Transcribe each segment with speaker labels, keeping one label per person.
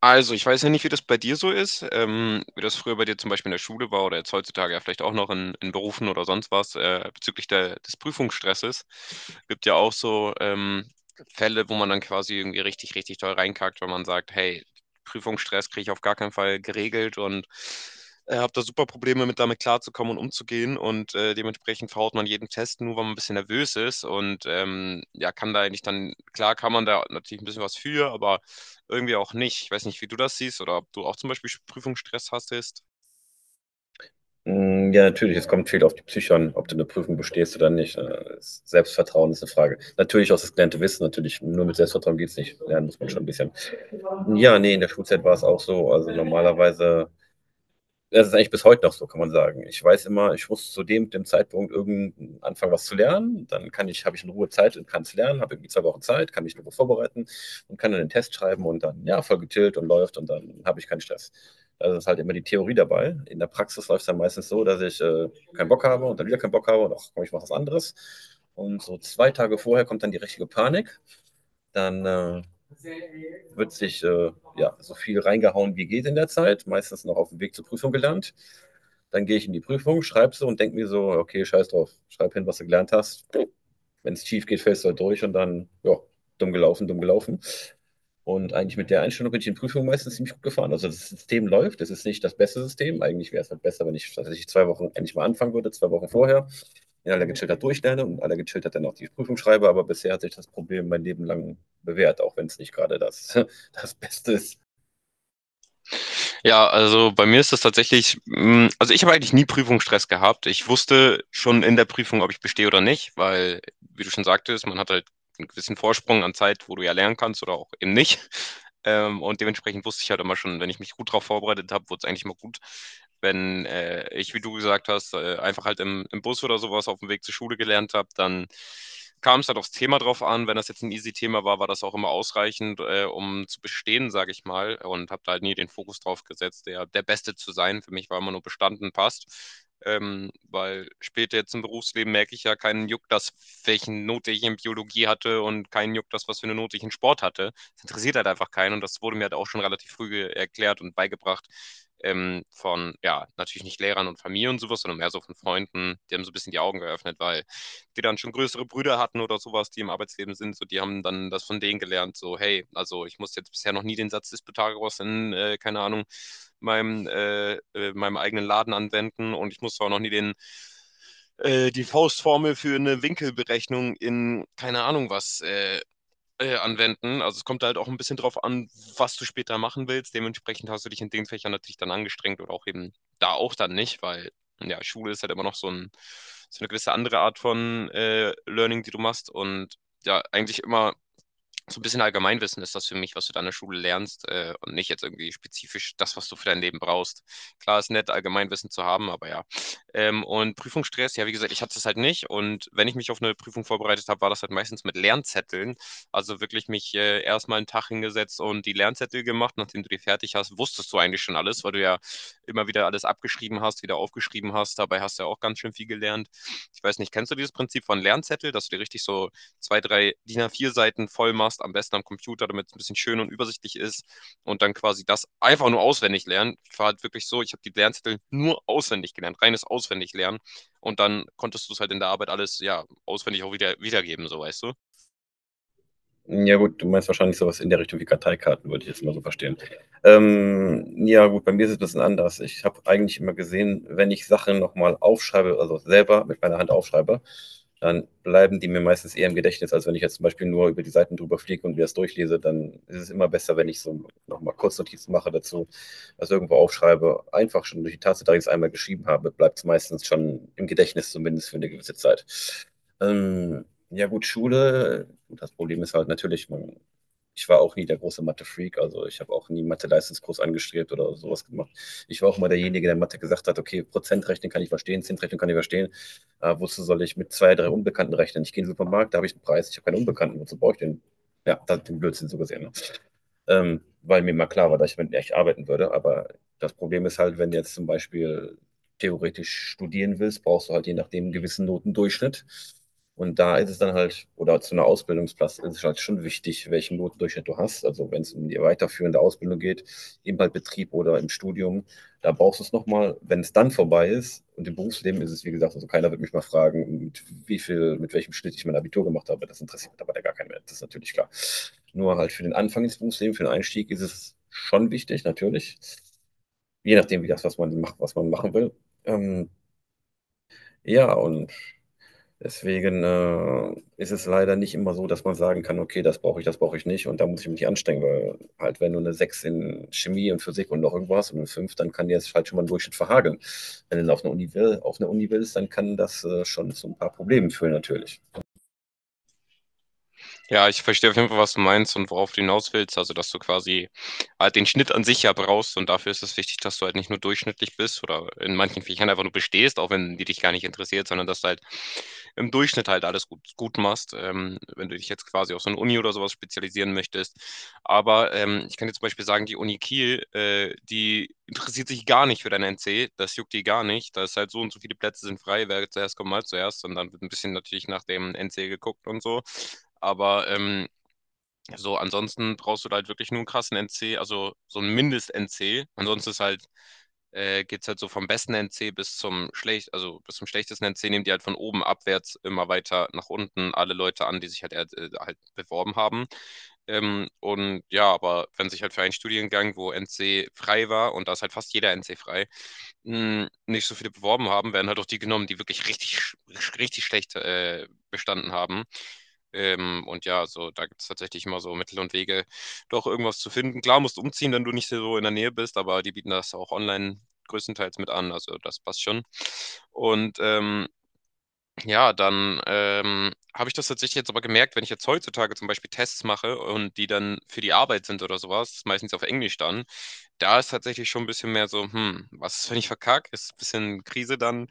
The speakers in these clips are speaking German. Speaker 1: Also, ich weiß ja nicht, wie das bei dir so ist, wie das früher bei dir zum Beispiel in der Schule war oder jetzt heutzutage ja vielleicht auch noch in Berufen oder sonst was, bezüglich der, des Prüfungsstresses. Gibt ja auch so Fälle, wo man dann quasi irgendwie richtig, richtig toll reinkackt, wenn man sagt, hey, Prüfungsstress kriege ich auf gar keinen Fall geregelt und habe da super Probleme mit, damit klarzukommen und umzugehen und dementsprechend verhaut man jeden Test nur, weil man ein bisschen nervös ist und ja, kann da eigentlich dann, klar kann man da natürlich ein bisschen was für, aber irgendwie auch nicht. Ich weiß nicht, wie du das siehst oder ob du auch zum Beispiel Prüfungsstress hattest.
Speaker 2: Mm, ja, natürlich, es kommt viel auf die Psyche an, ob du eine Prüfung bestehst oder nicht. Ne? Das Selbstvertrauen ist eine Frage. Natürlich auch das gelernte Wissen, natürlich. Nur mit Selbstvertrauen geht's nicht. Lernen muss man schon ein bisschen. Ja, nee, in der Schulzeit war es auch so. Also normalerweise das ist eigentlich bis heute noch so, kann man sagen. Ich weiß immer, ich muss zu dem Zeitpunkt irgend anfangen, was zu lernen. Dann kann ich, habe ich in Ruhe Zeit und kann es lernen, habe irgendwie 2 Wochen Zeit, kann mich in Ruhe vorbereiten und kann dann den Test schreiben und dann, ja, voll getillt und läuft und dann habe ich keinen Stress. Da ist halt immer die Theorie dabei. In der Praxis läuft es dann meistens so, dass ich keinen Bock habe und dann wieder keinen Bock habe und ach komm, ich mache was anderes. Und so 2 Tage vorher kommt dann die richtige Panik. Dann Wird sich ja, so viel reingehauen, wie geht in der Zeit. Meistens noch auf dem Weg zur Prüfung gelernt. Dann gehe ich in die Prüfung, schreibe sie und denke mir so, okay, scheiß drauf, schreib hin, was du gelernt hast. Wenn es schief geht, fällst du halt durch und dann, ja, dumm gelaufen, dumm gelaufen. Und eigentlich mit der Einstellung bin ich in Prüfungen meistens ziemlich gut gefahren. Also das System läuft, es ist nicht das beste System. Eigentlich wäre es halt besser, wenn ich tatsächlich 2 Wochen endlich mal anfangen würde, 2 Wochen vorher, in aller Gechilltheit durchlerne und in aller Gechilltheit dann auch die Prüfung schreibe. Aber bisher hat sich das Problem mein Leben lang bewährt, auch wenn es nicht gerade das, das Beste ist.
Speaker 1: Ja, also bei mir ist das tatsächlich, also ich habe eigentlich nie Prüfungsstress gehabt. Ich wusste schon in der Prüfung, ob ich bestehe oder nicht, weil, wie du schon sagtest, man hat halt einen gewissen Vorsprung an Zeit, wo du ja lernen kannst oder auch eben nicht. Und dementsprechend wusste ich halt immer schon, wenn ich mich gut darauf vorbereitet habe, wurde es eigentlich mal gut. Wenn ich, wie du gesagt hast, einfach halt im Bus oder sowas auf dem Weg zur Schule gelernt habe, dann kam es halt aufs Thema drauf an. Wenn das jetzt ein easy Thema war, war das auch immer ausreichend, um zu bestehen, sage ich mal. Und habe da halt nie den Fokus drauf gesetzt, der Beste zu sein. Für mich war immer nur bestanden, passt. Weil später jetzt im Berufsleben merke ich ja keinen Juck, das, welchen Note ich in Biologie hatte und keinen Juck, das, was für eine Note ich in Sport hatte. Das interessiert halt einfach keinen und das wurde mir halt auch schon relativ früh erklärt und beigebracht, von, ja, natürlich nicht Lehrern und Familie und sowas, sondern mehr so von Freunden. Die haben so ein bisschen die Augen geöffnet, weil die dann schon größere Brüder hatten oder sowas, die im Arbeitsleben sind, so die haben dann das von denen gelernt, so hey, also ich musste jetzt bisher noch nie den Satz des Pythagoras in, keine Ahnung, meinem, meinem eigenen Laden anwenden und ich musste auch noch nie den, die Faustformel für eine Winkelberechnung in, keine Ahnung was, anwenden. Also es kommt halt auch ein bisschen drauf an, was du später machen willst. Dementsprechend hast du dich in den Fächern natürlich dann angestrengt oder auch eben da auch dann nicht, weil ja, Schule ist halt immer noch so ein, so eine gewisse andere Art von Learning, die du machst und ja, eigentlich immer so ein bisschen Allgemeinwissen ist das für mich, was du da in der Schule lernst, und nicht jetzt irgendwie spezifisch das, was du für dein Leben brauchst. Klar ist nett, Allgemeinwissen zu haben, aber ja. Und Prüfungsstress, ja, wie gesagt, ich hatte es halt nicht, und wenn ich mich auf eine Prüfung vorbereitet habe, war das halt meistens mit Lernzetteln. Also wirklich mich erstmal einen Tag hingesetzt und die Lernzettel gemacht. Nachdem du die fertig hast, wusstest du eigentlich schon alles, weil du ja immer wieder alles abgeschrieben hast, wieder aufgeschrieben hast. Dabei hast du ja auch ganz schön viel gelernt. Ich weiß nicht, kennst du dieses Prinzip von Lernzettel, dass du dir richtig so zwei, drei DIN A4 seiten voll machst, am besten am Computer, damit es ein bisschen schön und übersichtlich ist und dann quasi das einfach nur auswendig lernen. Ich war halt wirklich so, ich habe die Lernzettel nur auswendig gelernt, reines Auswendiglernen, und dann konntest du es halt in der Arbeit alles ja auswendig auch wieder wiedergeben, so weißt du.
Speaker 2: Ja gut, du meinst wahrscheinlich sowas in der Richtung wie Karteikarten, würde ich jetzt mal so verstehen. Ja gut, bei mir ist es ein bisschen anders. Ich habe eigentlich immer gesehen, wenn ich Sachen nochmal aufschreibe, also selber mit meiner Hand aufschreibe, dann bleiben die mir meistens eher im Gedächtnis, als wenn ich jetzt zum Beispiel nur über die Seiten drüber fliege und mir das durchlese. Dann ist es immer besser, wenn ich so nochmal mal Kurznotizen mache dazu, das irgendwo aufschreibe. Einfach schon durch die Tatsache, dass ich's einmal geschrieben habe, bleibt es meistens schon im Gedächtnis, zumindest für eine gewisse Zeit. Ähm, ja gut, Schule, das Problem ist halt natürlich, man, ich war auch nie der große Mathe-Freak, also ich habe auch nie Mathe-Leistungskurs angestrebt oder sowas gemacht. Ich war auch mal derjenige, der in Mathe gesagt hat, okay, Prozentrechnen kann ich verstehen, Zinsrechnen kann ich verstehen, wozu soll ich mit zwei, drei Unbekannten rechnen? Ich gehe in den Supermarkt, da habe ich einen Preis, ich habe keinen Unbekannten, wozu brauche ich den? Ja, das ist den Blödsinn so gesehen, weil mir mal klar war, dass ich damit echt arbeiten würde. Aber das Problem ist halt, wenn du jetzt zum Beispiel theoretisch studieren willst, brauchst du halt je nachdem einen gewissen Notendurchschnitt. Und da ist es dann halt, oder zu einer Ausbildungsplatz ist es halt schon wichtig, welchen Notendurchschnitt du hast. Also wenn es um die weiterführende Ausbildung geht, im halt Betrieb oder im Studium, da brauchst du es nochmal, wenn es dann vorbei ist. Und im Berufsleben ist es, wie gesagt, also keiner wird mich mal fragen, mit wie viel, mit welchem Schnitt ich mein Abitur gemacht habe. Das interessiert mittlerweile gar keinen mehr. Das ist natürlich klar. Nur halt für den Anfang ins Berufsleben, für den Einstieg ist es schon wichtig, natürlich. Je nachdem, wie das, was man macht, was man machen will. Ähm, ja, und deswegen ist es leider nicht immer so, dass man sagen kann, okay, das brauche ich nicht und da muss ich mich nicht anstrengen, weil halt wenn du eine 6 in Chemie und Physik und noch irgendwo hast und eine 5, dann kann dir das halt schon mal einen Durchschnitt verhageln. Wenn du auf eine Uni, will, auf eine Uni willst, dann kann das schon zu ein paar Problemen führen natürlich.
Speaker 1: Ja, ich verstehe auf jeden Fall, was du meinst und worauf du hinaus willst, also dass du quasi halt den Schnitt an sich ja brauchst und dafür ist es wichtig, dass du halt nicht nur durchschnittlich bist oder in manchen Fächern einfach nur bestehst, auch wenn die dich gar nicht interessiert, sondern dass du halt im Durchschnitt halt alles gut, gut machst, wenn du dich jetzt quasi auf so eine Uni oder sowas spezialisieren möchtest. Aber ich kann dir zum Beispiel sagen, die Uni Kiel, die interessiert sich gar nicht für dein NC, das juckt die gar nicht. Da ist halt so und so viele Plätze sind frei, wer zuerst kommt, mal zuerst. Und dann wird ein bisschen natürlich nach dem NC geguckt und so. Aber so, ansonsten brauchst du da halt wirklich nur einen krassen NC, also so ein Mindest-NC. Ansonsten ist halt geht es halt so vom besten NC bis zum schlecht, also bis zum schlechtesten NC, nehmen die halt von oben abwärts immer weiter nach unten alle Leute an, die sich halt, halt beworben haben. Und ja, aber wenn sich halt für einen Studiengang, wo NC frei war, und da ist halt fast jeder NC frei, nicht so viele beworben haben, werden halt auch die genommen, die wirklich richtig, richtig schlecht bestanden haben. Und ja, so da gibt es tatsächlich immer so Mittel und Wege, doch irgendwas zu finden. Klar, musst umziehen, wenn du nicht so in der Nähe bist, aber die bieten das auch online größtenteils mit an. Also das passt schon. Und ja, dann, habe ich das tatsächlich jetzt aber gemerkt, wenn ich jetzt heutzutage zum Beispiel Tests mache und die dann für die Arbeit sind oder sowas, meistens auf Englisch dann, da ist tatsächlich schon ein bisschen mehr so: „Hm, was ist, wenn ich verkacke?“ Ist ein bisschen Krise dann,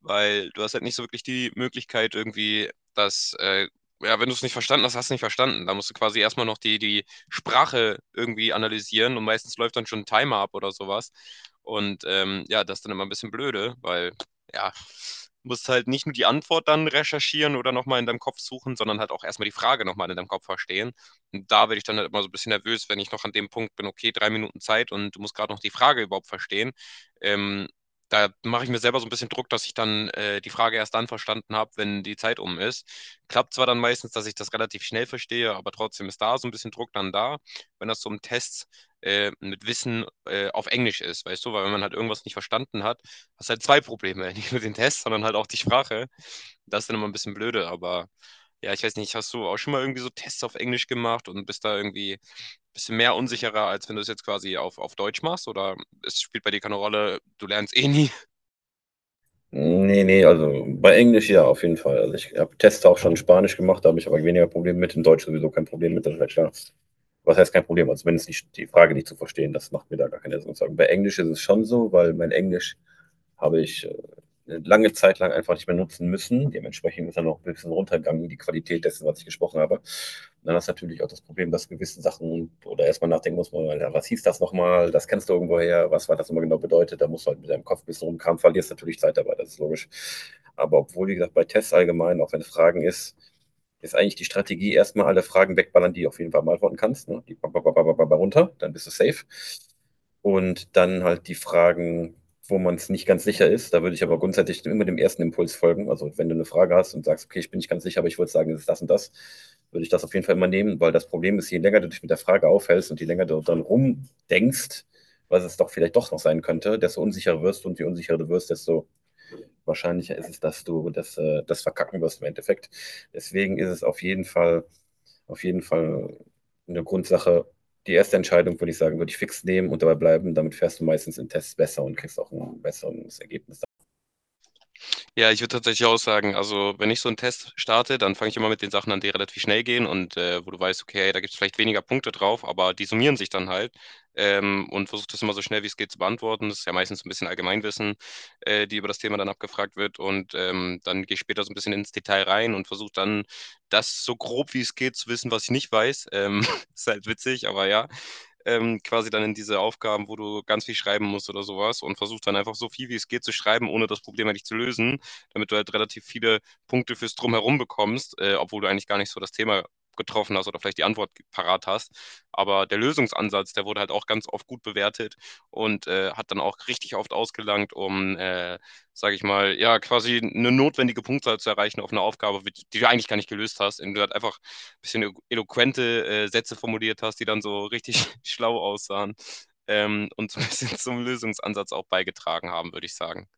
Speaker 1: weil du hast halt nicht so wirklich die Möglichkeit irgendwie, dass, ja, wenn du es nicht verstanden hast, hast du nicht verstanden. Da musst du quasi erst mal noch die Sprache irgendwie analysieren, und meistens läuft dann schon ein Timer ab oder sowas. Und, ja, das ist dann immer ein bisschen blöde, weil ja, musst halt nicht nur die Antwort dann recherchieren oder nochmal in deinem Kopf suchen, sondern halt auch erstmal die Frage nochmal in deinem Kopf verstehen. Und da werde ich dann halt immer so ein bisschen nervös, wenn ich noch an dem Punkt bin, okay, 3 Minuten Zeit und du musst gerade noch die Frage überhaupt verstehen. Ähm, Da mache ich mir selber so ein bisschen Druck, dass ich dann die Frage erst dann verstanden habe, wenn die Zeit um ist. Klappt zwar dann meistens, dass ich das relativ schnell verstehe, aber trotzdem ist da so ein bisschen Druck dann da, wenn das so im Test mit Wissen auf Englisch ist, weißt du, weil wenn man halt irgendwas nicht verstanden hat, hast halt zwei Probleme. Nicht nur den Test, sondern halt auch die Sprache. Das ist dann immer ein bisschen blöde, aber ja, ich weiß nicht, hast du auch schon mal irgendwie so Tests auf Englisch gemacht und bist da irgendwie ein bisschen mehr unsicherer, als wenn du es jetzt quasi auf Deutsch machst? Oder es spielt bei dir keine Rolle, du lernst eh nie.
Speaker 2: Nee, nee, also bei Englisch ja, auf jeden Fall. Also ich habe Tests auch schon in Spanisch gemacht, da habe ich aber weniger Probleme mit. In Deutsch sowieso kein Problem mit, das ist ja klar. Was heißt kein Problem? Also wenn es nicht die Frage nicht zu verstehen, das macht mir da gar keine Sorgen. Bei Englisch ist es schon so, weil mein Englisch habe ich lange Zeit lang einfach nicht mehr nutzen müssen. Dementsprechend ist dann noch ein bisschen runtergegangen, die Qualität dessen, was ich gesprochen habe. Und dann ist natürlich auch das Problem, dass gewisse Sachen oder erstmal nachdenken muss man, ja, was hieß das nochmal, das kennst du irgendwoher, was war das immer genau bedeutet, da musst du halt mit deinem Kopf ein bisschen rumkramen, verlierst natürlich Zeit dabei, das ist logisch. Aber obwohl, wie gesagt, bei Tests allgemein, auch wenn es Fragen ist, ist eigentlich die Strategie erstmal alle Fragen wegballern, die du auf jeden Fall beantworten kannst. Ne? Die runter, dann bist du safe. Und dann halt die Fragen wo man es nicht ganz sicher ist. Da würde ich aber grundsätzlich immer dem ersten Impuls folgen. Also wenn du eine Frage hast und sagst, okay, ich bin nicht ganz sicher, aber ich würde sagen, es ist das und das, würde ich das auf jeden Fall immer nehmen, weil das Problem ist, je länger du dich mit der Frage aufhältst und je länger du dann rumdenkst, was es doch vielleicht doch noch sein könnte, desto unsicherer wirst du und je unsicherer du wirst, desto wahrscheinlicher ist es, dass du das, das verkacken wirst im Endeffekt. Deswegen ist es auf jeden Fall eine Grundsache. Die erste Entscheidung, würde ich sagen, würde ich fix nehmen und dabei bleiben. Damit fährst du meistens in Tests besser und kriegst auch ein besseres Ergebnis.
Speaker 1: Ja, ich würde tatsächlich auch sagen, also wenn ich so einen Test starte, dann fange ich immer mit den Sachen an, die relativ schnell gehen und wo du weißt, okay, hey, da gibt es vielleicht weniger Punkte drauf, aber die summieren sich dann halt, und versuche das immer so schnell wie es geht zu beantworten. Das ist ja meistens so ein bisschen Allgemeinwissen, die über das Thema dann abgefragt wird, und dann gehe ich später so ein bisschen ins Detail rein und versuche dann das so grob wie es geht zu wissen, was ich nicht weiß. Ist halt witzig, aber ja, quasi dann in diese Aufgaben, wo du ganz viel schreiben musst oder sowas und versuchst dann einfach so viel wie es geht zu schreiben, ohne das Problem eigentlich zu lösen, damit du halt relativ viele Punkte fürs Drumherum bekommst, obwohl du eigentlich gar nicht so das Thema getroffen hast oder vielleicht die Antwort parat hast. Aber der Lösungsansatz, der wurde halt auch ganz oft gut bewertet und hat dann auch richtig oft ausgelangt, um, sage ich mal, ja, quasi eine notwendige Punktzahl zu erreichen auf eine Aufgabe, die du eigentlich gar nicht gelöst hast, indem du halt einfach bisschen eloquente Sätze formuliert hast, die dann so richtig schlau aussahen, und so ein bisschen zum Lösungsansatz auch beigetragen haben, würde ich sagen.